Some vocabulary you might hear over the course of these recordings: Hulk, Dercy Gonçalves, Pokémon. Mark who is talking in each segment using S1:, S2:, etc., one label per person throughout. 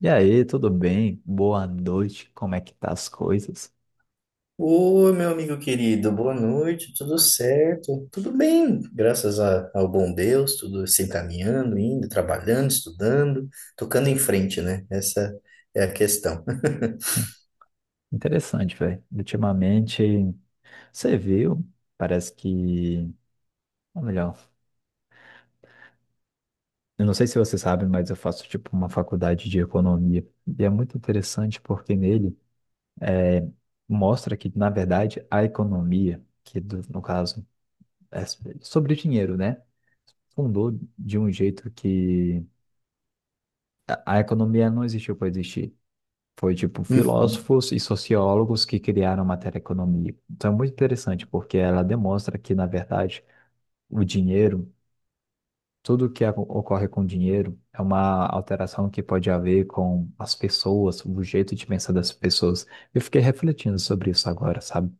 S1: E aí, tudo bem? Boa noite, como é que tá as coisas?
S2: Oi, meu amigo querido, boa noite, tudo certo? Tudo bem, ao bom Deus, tudo se encaminhando, indo, trabalhando, estudando, tocando em frente, né? Essa é a questão.
S1: Interessante, velho. Ultimamente, você viu, parece que, ou melhor, eu não sei se você sabe, mas eu faço tipo uma faculdade de economia. E é muito interessante porque nele mostra que, na verdade, a economia, no caso é sobre dinheiro, né? Fundou de um jeito que a economia não existiu para existir. Foi tipo filósofos e sociólogos que criaram a matéria economia. Então é muito interessante, porque ela demonstra que, na verdade, o dinheiro, ocorre com o dinheiro, é uma alteração que pode haver com as pessoas, o jeito de pensar das pessoas. Eu fiquei refletindo sobre isso agora, sabe?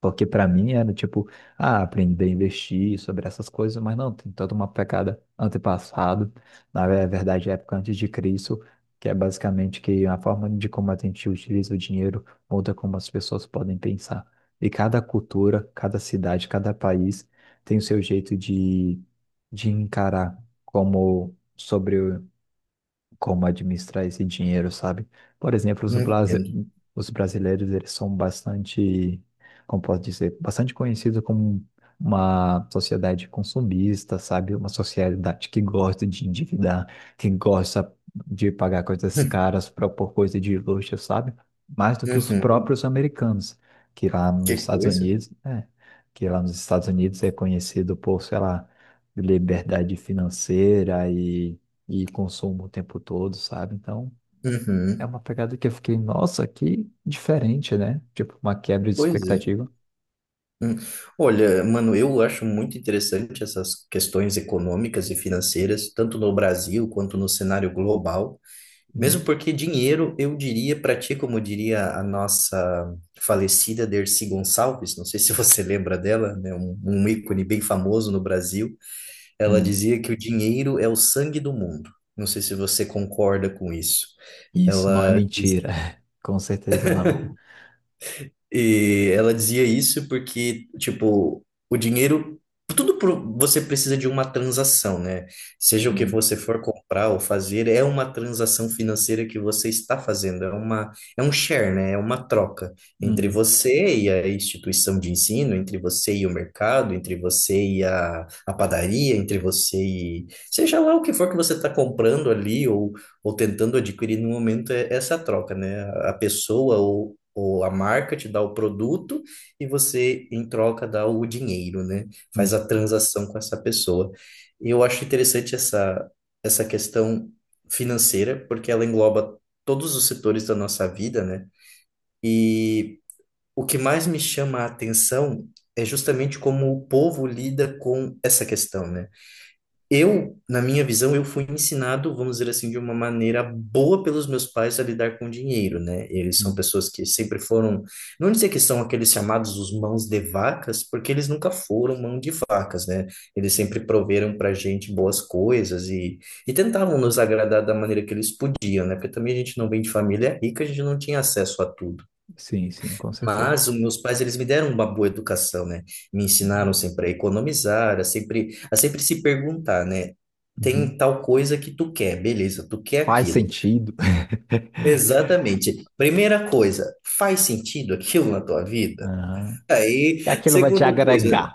S1: Porque para mim era tipo, ah, aprender a investir sobre essas coisas, mas não, tem toda uma pegada antepassado, é verdade, época antes de Cristo, que é basicamente que a forma de como a gente utiliza o dinheiro muda como as pessoas podem pensar. E cada cultura, cada cidade, cada país tem o seu jeito de encarar como sobre como administrar esse dinheiro, sabe? Por exemplo,
S2: Uhum, entendo.
S1: os brasileiros, eles são bastante, como posso dizer, bastante conhecidos como uma sociedade consumista, sabe? Uma sociedade que gosta de endividar, que gosta de pagar coisas caras pra- por coisa de luxo, sabe? Mais do que os
S2: Uhum,
S1: próprios americanos, que lá
S2: que
S1: nos Estados
S2: coisa.
S1: Unidos, né? Que lá nos Estados Unidos é conhecido por, sei lá, liberdade financeira e consumo o tempo todo, sabe? Então, é
S2: Uhum,
S1: uma pegada que eu fiquei, nossa, que diferente, né? Tipo, uma quebra de
S2: pois é.
S1: expectativa.
S2: Hum. Olha, mano, eu acho muito interessante essas questões econômicas e financeiras, tanto no Brasil quanto no cenário global. Mesmo
S1: Uhum.
S2: porque dinheiro, eu diria para ti, como diria a nossa falecida Dercy Gonçalves, não sei se você lembra dela, né? Um ícone bem famoso no Brasil, ela
S1: Hum.
S2: dizia que o dinheiro é o sangue do mundo. Não sei se você concorda com isso.
S1: Isso não é
S2: Ela
S1: mentira. Com certeza não.
S2: E ela dizia isso porque, tipo, o dinheiro, você precisa de uma transação, né? Seja o que
S1: Uhum.
S2: você for comprar ou fazer, é uma transação financeira que você está fazendo, é um share, né? É uma troca entre
S1: Uhum.
S2: você e a instituição de ensino, entre você e o mercado, entre você e a padaria, entre você e seja lá o que for que você está comprando ali ou tentando adquirir no momento, é essa troca, né? A pessoa ou a marca te dá o produto e você, em troca, dá o dinheiro, né?
S1: Uhum.
S2: Faz a transação com essa pessoa. E eu acho interessante essa questão financeira, porque ela engloba todos os setores da nossa vida, né? E o que mais me chama a atenção é justamente como o povo lida com essa questão, né? Eu, na minha visão, eu fui ensinado, vamos dizer assim, de uma maneira boa pelos meus pais a lidar com dinheiro, né? Eles são
S1: Uhum.
S2: pessoas que sempre foram, não dizer que são aqueles chamados os mãos de vacas, porque eles nunca foram mão de vacas, né? Eles sempre proveram pra gente boas coisas e tentavam nos agradar da maneira que eles podiam, né? Porque também a gente não vem de família rica, a gente não tinha acesso a tudo.
S1: Sim, sim, com certeza.
S2: Mas os meus pais, eles me deram uma boa educação, né? Me ensinaram sempre a economizar, a sempre se perguntar, né? Tem
S1: Uhum.
S2: tal coisa que tu quer, beleza, tu quer
S1: Faz
S2: aquilo.
S1: sentido.
S2: Exatamente. Primeira coisa, faz sentido aquilo na tua vida?
S1: Aham.
S2: Aí,
S1: E aquilo vai te
S2: segunda coisa,
S1: agregar.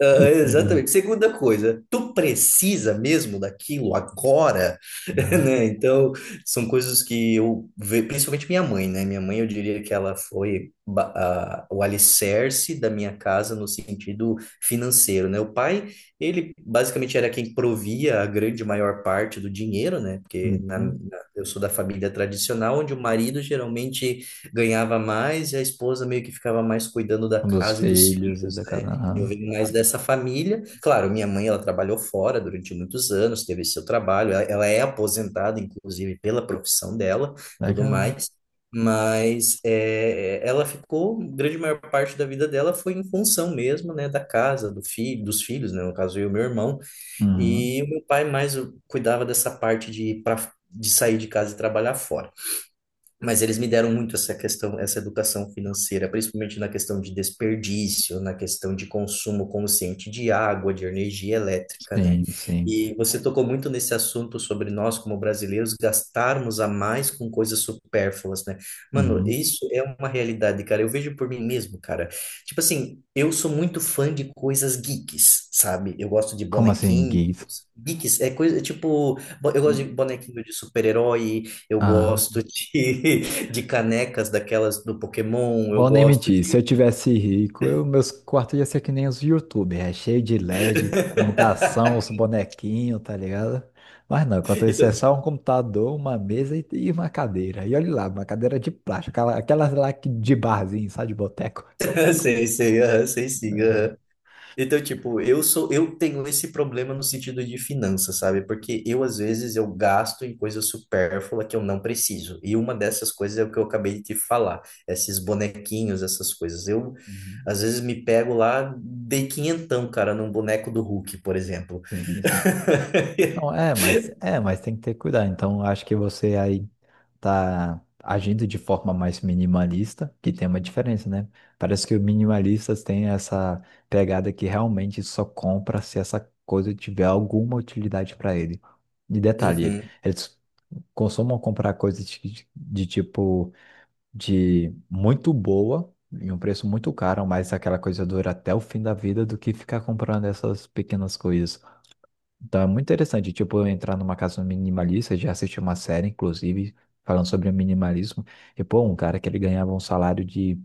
S2: ah,
S1: Uhum.
S2: exatamente. Segunda coisa, tu precisa mesmo daquilo agora,
S1: Aham.
S2: né? Então, são coisas que eu vejo, principalmente minha mãe, né? Minha mãe, eu diria que ela foi o alicerce da minha casa no sentido financeiro, né? O pai, ele basicamente era quem provia a grande maior parte do dinheiro, né?
S1: Uhum.
S2: Eu sou da família tradicional, onde o marido geralmente ganhava mais e a esposa meio que ficava mais cuidando da
S1: Um dos
S2: casa e dos
S1: filhos e
S2: filhos,
S1: da casa.
S2: né? Eu
S1: Aham.
S2: vim mais dessa família. Claro, minha mãe, ela trabalhou fora durante muitos anos, teve seu trabalho. Ela é aposentada, inclusive, pela profissão dela, tudo
S1: Legal.
S2: mais. Mas é, ela ficou, grande maior parte da vida dela foi em função mesmo, né, da casa, do filho, dos filhos, né, no caso eu e meu irmão.
S1: Uhum.
S2: E o meu pai mais cuidava dessa parte de ir pra, de sair de casa e trabalhar fora. Mas eles me deram muito essa questão, essa educação financeira, principalmente na questão de desperdício, na questão de consumo consciente de água, de energia elétrica, né?
S1: Sim, sim.
S2: E você tocou muito nesse assunto sobre nós, como brasileiros, gastarmos a mais com coisas supérfluas, né? Mano,
S1: Uhum.
S2: isso é uma realidade, cara. Eu vejo por mim mesmo, cara. Tipo assim, eu sou muito fã de coisas geeks, sabe? Eu gosto de
S1: Como assim,
S2: bonequinhos.
S1: gays?
S2: Geeks é coisa, tipo, eu gosto de bonequinho de super-herói, eu
S1: Uhum.
S2: gosto de, de canecas daquelas do Pokémon, eu
S1: Vou nem
S2: gosto
S1: mentir, se
S2: de.
S1: eu tivesse rico, eu, meus quartos iam ser que nem os YouTubers, é cheio de LED, iluminação, os bonequinhos, tá ligado? Mas não, enquanto isso é
S2: Então,
S1: só um computador, uma mesa e uma cadeira. E olha lá, uma cadeira de plástico, aquela, de barzinho, sabe, de boteco.
S2: sei, sei, aham, sei sim.
S1: Aham.
S2: Aham. Então, tipo, eu sou, eu tenho esse problema no sentido de finanças, sabe? Porque eu, às vezes, eu gasto em coisa supérflua que eu não preciso. E uma dessas coisas é o que eu acabei de te falar, esses bonequinhos, essas coisas. Eu,
S1: Uhum.
S2: às vezes, me pego lá, dei quinhentão, cara, num boneco do Hulk, por exemplo.
S1: Sim, sim. Não, é, mas tem que ter cuidado. Então, acho que você aí tá agindo de forma mais minimalista, que tem uma diferença, né? Parece que os minimalistas têm essa pegada que realmente só compra se essa coisa tiver alguma utilidade para ele. E detalhe,
S2: Uhum,
S1: eles costumam comprar coisas de tipo de muito boa em um preço muito caro, mas aquela coisa dura até o fim da vida do que ficar comprando essas pequenas coisas. Tá muito interessante, tipo, eu entrar numa casa minimalista, já assisti uma série, inclusive, falando sobre o minimalismo, e pô, um cara que ele ganhava um salário de,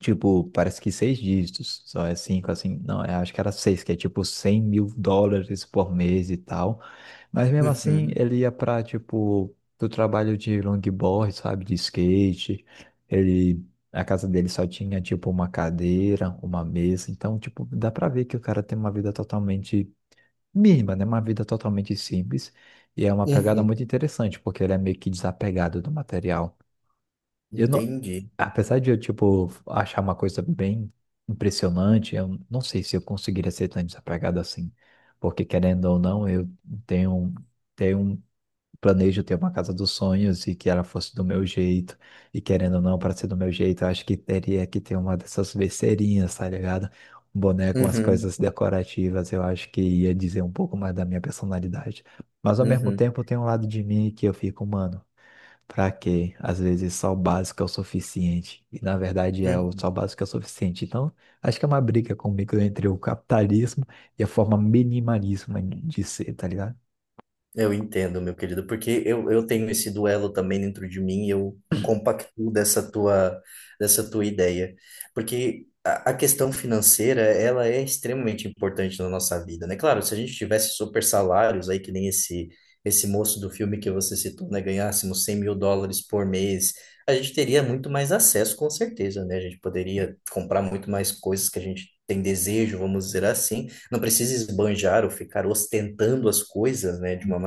S1: tipo, parece que seis dígitos, só é cinco, assim, não, eu acho que era seis, que é tipo 100 mil dólares por mês e tal, mas mesmo assim,
S2: uhum,
S1: ele ia pra, tipo, do trabalho de longboard, sabe, de skate, ele... A casa dele só tinha, tipo, uma cadeira, uma mesa. Então, tipo, dá pra ver que o cara tem uma vida totalmente Mima, né? Uma vida totalmente simples e é uma pegada
S2: uhum.
S1: muito interessante, porque ele é meio que desapegado do material. Eu não,
S2: Entendi.
S1: apesar de eu, tipo, achar uma coisa bem impressionante, eu não sei se eu conseguiria ser tão desapegado assim, porque querendo ou não, eu tenho, tenho um planejo ter uma casa dos sonhos e que ela fosse do meu jeito, e querendo ou não, para ser do meu jeito, eu acho que teria que ter uma dessas besteirinhas, tá ligado? Um boneco, umas
S2: Uhum,
S1: coisas decorativas, eu acho que ia dizer um pouco mais da minha personalidade. Mas ao mesmo
S2: uhum,
S1: tempo tem um lado de mim que eu fico, mano, pra quê? Às vezes só o básico é o suficiente. E na verdade é o só o
S2: uhum.
S1: básico é o suficiente. Então, acho que é uma briga comigo entre o capitalismo e a forma minimalista de ser, tá ligado?
S2: Eu entendo, meu querido, porque eu tenho esse duelo também dentro de mim e eu compactuo dessa tua ideia. Porque a questão financeira, ela é extremamente importante na nossa vida, né? Claro, se a gente tivesse super salários aí, que nem esse, esse moço do filme que você citou, né? Ganhássemos US$ 100.000 por mês, a gente teria muito mais acesso, com certeza, né? A gente poderia comprar muito mais coisas que a gente tem desejo, vamos dizer assim. Não precisa esbanjar ou ficar ostentando as coisas, né, de uma...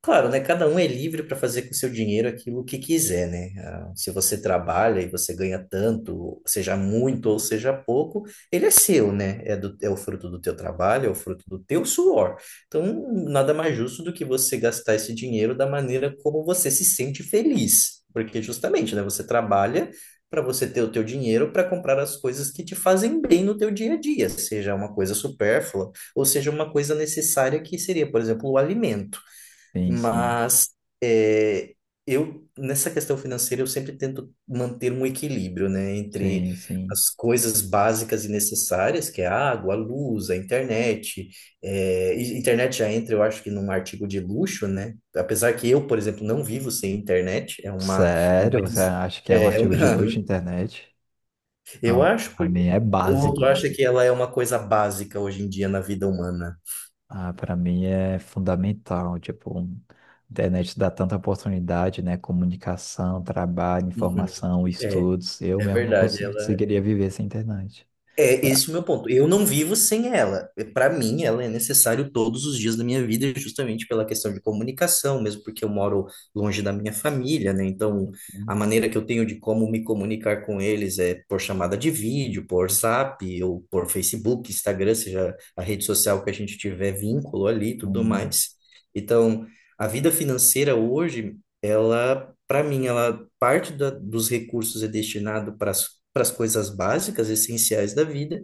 S2: Claro, né? Cada um é livre para fazer com seu dinheiro aquilo que quiser, né? Ah, se você trabalha e você ganha tanto, seja muito ou seja pouco, ele é seu, né? É o fruto do teu trabalho, é o fruto do teu suor. Então, nada mais justo do que você gastar esse dinheiro da maneira como você se sente feliz. Porque justamente, né? Você trabalha para você ter o teu dinheiro para comprar as coisas que te fazem bem no teu dia a dia, seja uma coisa supérflua ou seja uma coisa necessária que seria, por exemplo, o alimento.
S1: Sim, sim.
S2: Mas é, eu, nessa questão financeira, eu sempre tento manter um equilíbrio, né, entre
S1: Sim, sim.
S2: as coisas básicas e necessárias, que é a água, a luz, a internet. É, e internet já entra, eu acho que num artigo de luxo, né? Apesar que eu, por exemplo, não vivo sem internet, é uma,
S1: Sério? Você
S2: des-
S1: acha que é um
S2: é uma-
S1: artigo de luxo na internet?
S2: eu
S1: Não,
S2: acho
S1: pra
S2: porque
S1: mim é
S2: o outro
S1: básico, mano.
S2: acha que ela é uma coisa básica hoje em dia na vida humana.
S1: Ah, para mim é fundamental. Tipo, a internet dá tanta oportunidade, né? Comunicação, trabalho,
S2: Uhum.
S1: informação,
S2: É,
S1: estudos. Eu
S2: é
S1: mesmo
S2: verdade, ela
S1: conseguiria viver sem internet.
S2: é
S1: Pra
S2: esse o meu ponto. Eu não vivo sem ela. Para mim, ela é necessário todos os dias da minha vida, justamente pela questão de comunicação, mesmo porque eu moro longe da minha família, né? Então, a
S1: mim,
S2: maneira que eu tenho de como me comunicar com eles é por chamada de vídeo, por Zap, ou por Facebook, Instagram, seja a rede social que a gente tiver vínculo ali, e tudo
S1: hum,
S2: mais. Então, a vida financeira hoje, ela, para mim, ela dos recursos é destinado para as coisas básicas, essenciais da vida.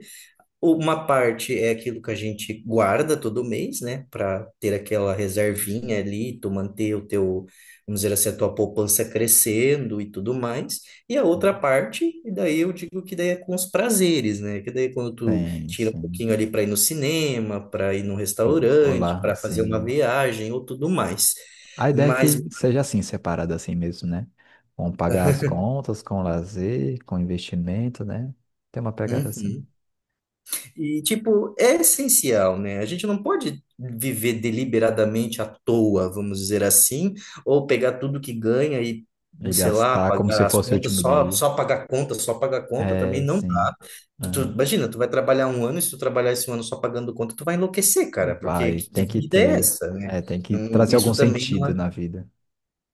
S2: Uma parte é aquilo que a gente guarda todo mês, né, para ter aquela reservinha ali, tu manter o teu, vamos dizer assim, a tua poupança crescendo e tudo mais. E a outra parte, e daí eu digo que daí é com os prazeres, né? Que daí é quando tu
S1: sim,
S2: tira um
S1: sim.
S2: pouquinho ali para ir no cinema, para ir num restaurante,
S1: Olá,
S2: para fazer uma
S1: assim.
S2: viagem ou tudo mais.
S1: A ideia é
S2: Mas,
S1: que seja assim, separado assim mesmo, né? Com pagar as contas, com lazer, com investimento, né? Tem uma pegada assim.
S2: uhum. E, tipo, é essencial, né? A gente não pode viver deliberadamente à toa, vamos dizer assim, ou pegar tudo que ganha e,
S1: E
S2: sei lá,
S1: gastar como se
S2: pagar as
S1: fosse o
S2: contas,
S1: último
S2: só,
S1: dia.
S2: só pagar conta, só pagar conta também
S1: É,
S2: não
S1: sim.
S2: dá.
S1: Aham.
S2: Imagina, tu vai trabalhar 1 ano, e se tu trabalhar esse ano só pagando conta, tu vai enlouquecer, cara, porque
S1: Vai,
S2: que
S1: tem que
S2: vida é
S1: ter.
S2: essa, né?
S1: É, tem que
S2: Não-
S1: trazer algum
S2: isso também não
S1: sentido na vida.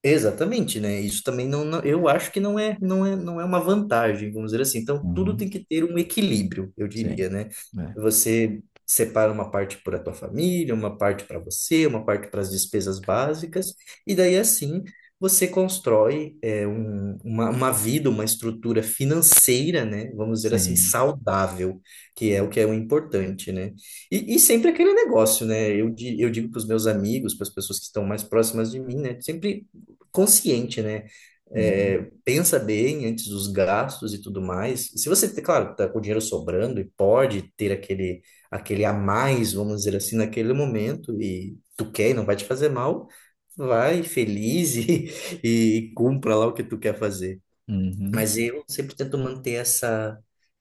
S2: Exatamente, né? Isso também não, não- eu acho que não é, não é, não é uma vantagem, vamos dizer assim. Então, tudo tem
S1: Uhum.
S2: que ter um equilíbrio, eu
S1: Sim.
S2: diria, né?
S1: É.
S2: Você separa uma parte para a tua família, uma parte para você, uma parte para as despesas básicas, e daí assim você constrói uma vida, uma estrutura financeira, né? Vamos dizer assim,
S1: Sim.
S2: saudável, que é o importante, né? E sempre aquele negócio, né? Eu digo para os meus amigos, para as pessoas que estão mais próximas de mim, né? Sempre consciente, né?
S1: Uhum.
S2: É, pensa bem antes dos gastos e tudo mais. Se você, é claro, tá com o dinheiro sobrando e pode ter aquele, aquele a mais, vamos dizer assim, naquele momento e tu quer e não vai te fazer mal, vai feliz e, e cumpra lá o que tu quer fazer.
S1: Uhum.
S2: Mas eu sempre tento manter essa,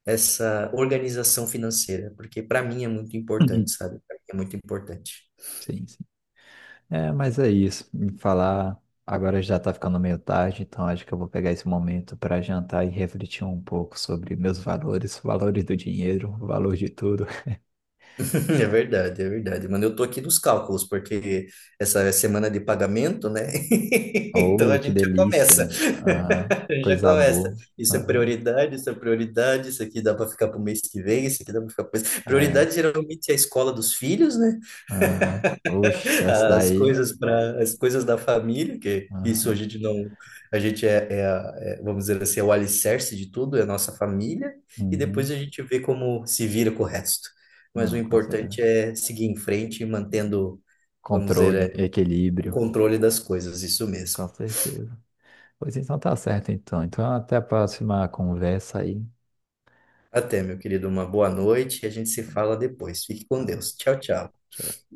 S2: essa organização financeira, porque para mim é muito importante,
S1: Uhum.
S2: sabe? Pra mim é muito importante.
S1: Sim, sim. É, mas é isso. Me falar. Agora já tá ficando meio tarde, então acho que eu vou pegar esse momento para jantar e refletir um pouco sobre meus valores, valores do dinheiro, valor de tudo.
S2: É verdade, é verdade. Mano, eu tô aqui nos cálculos, porque essa é semana de pagamento, né? Então
S1: Oh,
S2: a
S1: que
S2: gente já começa,
S1: delícia! Aham.
S2: a gente já
S1: Coisa
S2: começa.
S1: boa.
S2: Isso é
S1: Aham.
S2: prioridade, isso é prioridade, isso aqui dá para ficar pro mês que vem, isso aqui dá para ficar pro mês.
S1: É.
S2: Prioridade geralmente é a escola dos filhos, né?
S1: Aham. Oxe, essa
S2: As
S1: daí.
S2: coisas para as coisas da família, que isso a
S1: Aham.
S2: gente não, a gente é, é, a- é, vamos dizer assim, é o alicerce de tudo, é a nossa família, e depois
S1: Uhum.
S2: a gente vê como se vira com o resto. Mas o
S1: Não, com certeza.
S2: importante é seguir em frente e mantendo, vamos dizer,
S1: Controle,
S2: é, o
S1: equilíbrio,
S2: controle das coisas, isso mesmo.
S1: com certeza. Pois então tá certo, então. Então até a próxima conversa aí.
S2: Até, meu querido, uma boa noite e a gente se fala depois. Fique com
S1: Tá,
S2: Deus. Tchau,
S1: tá.
S2: tchau.
S1: Tchau.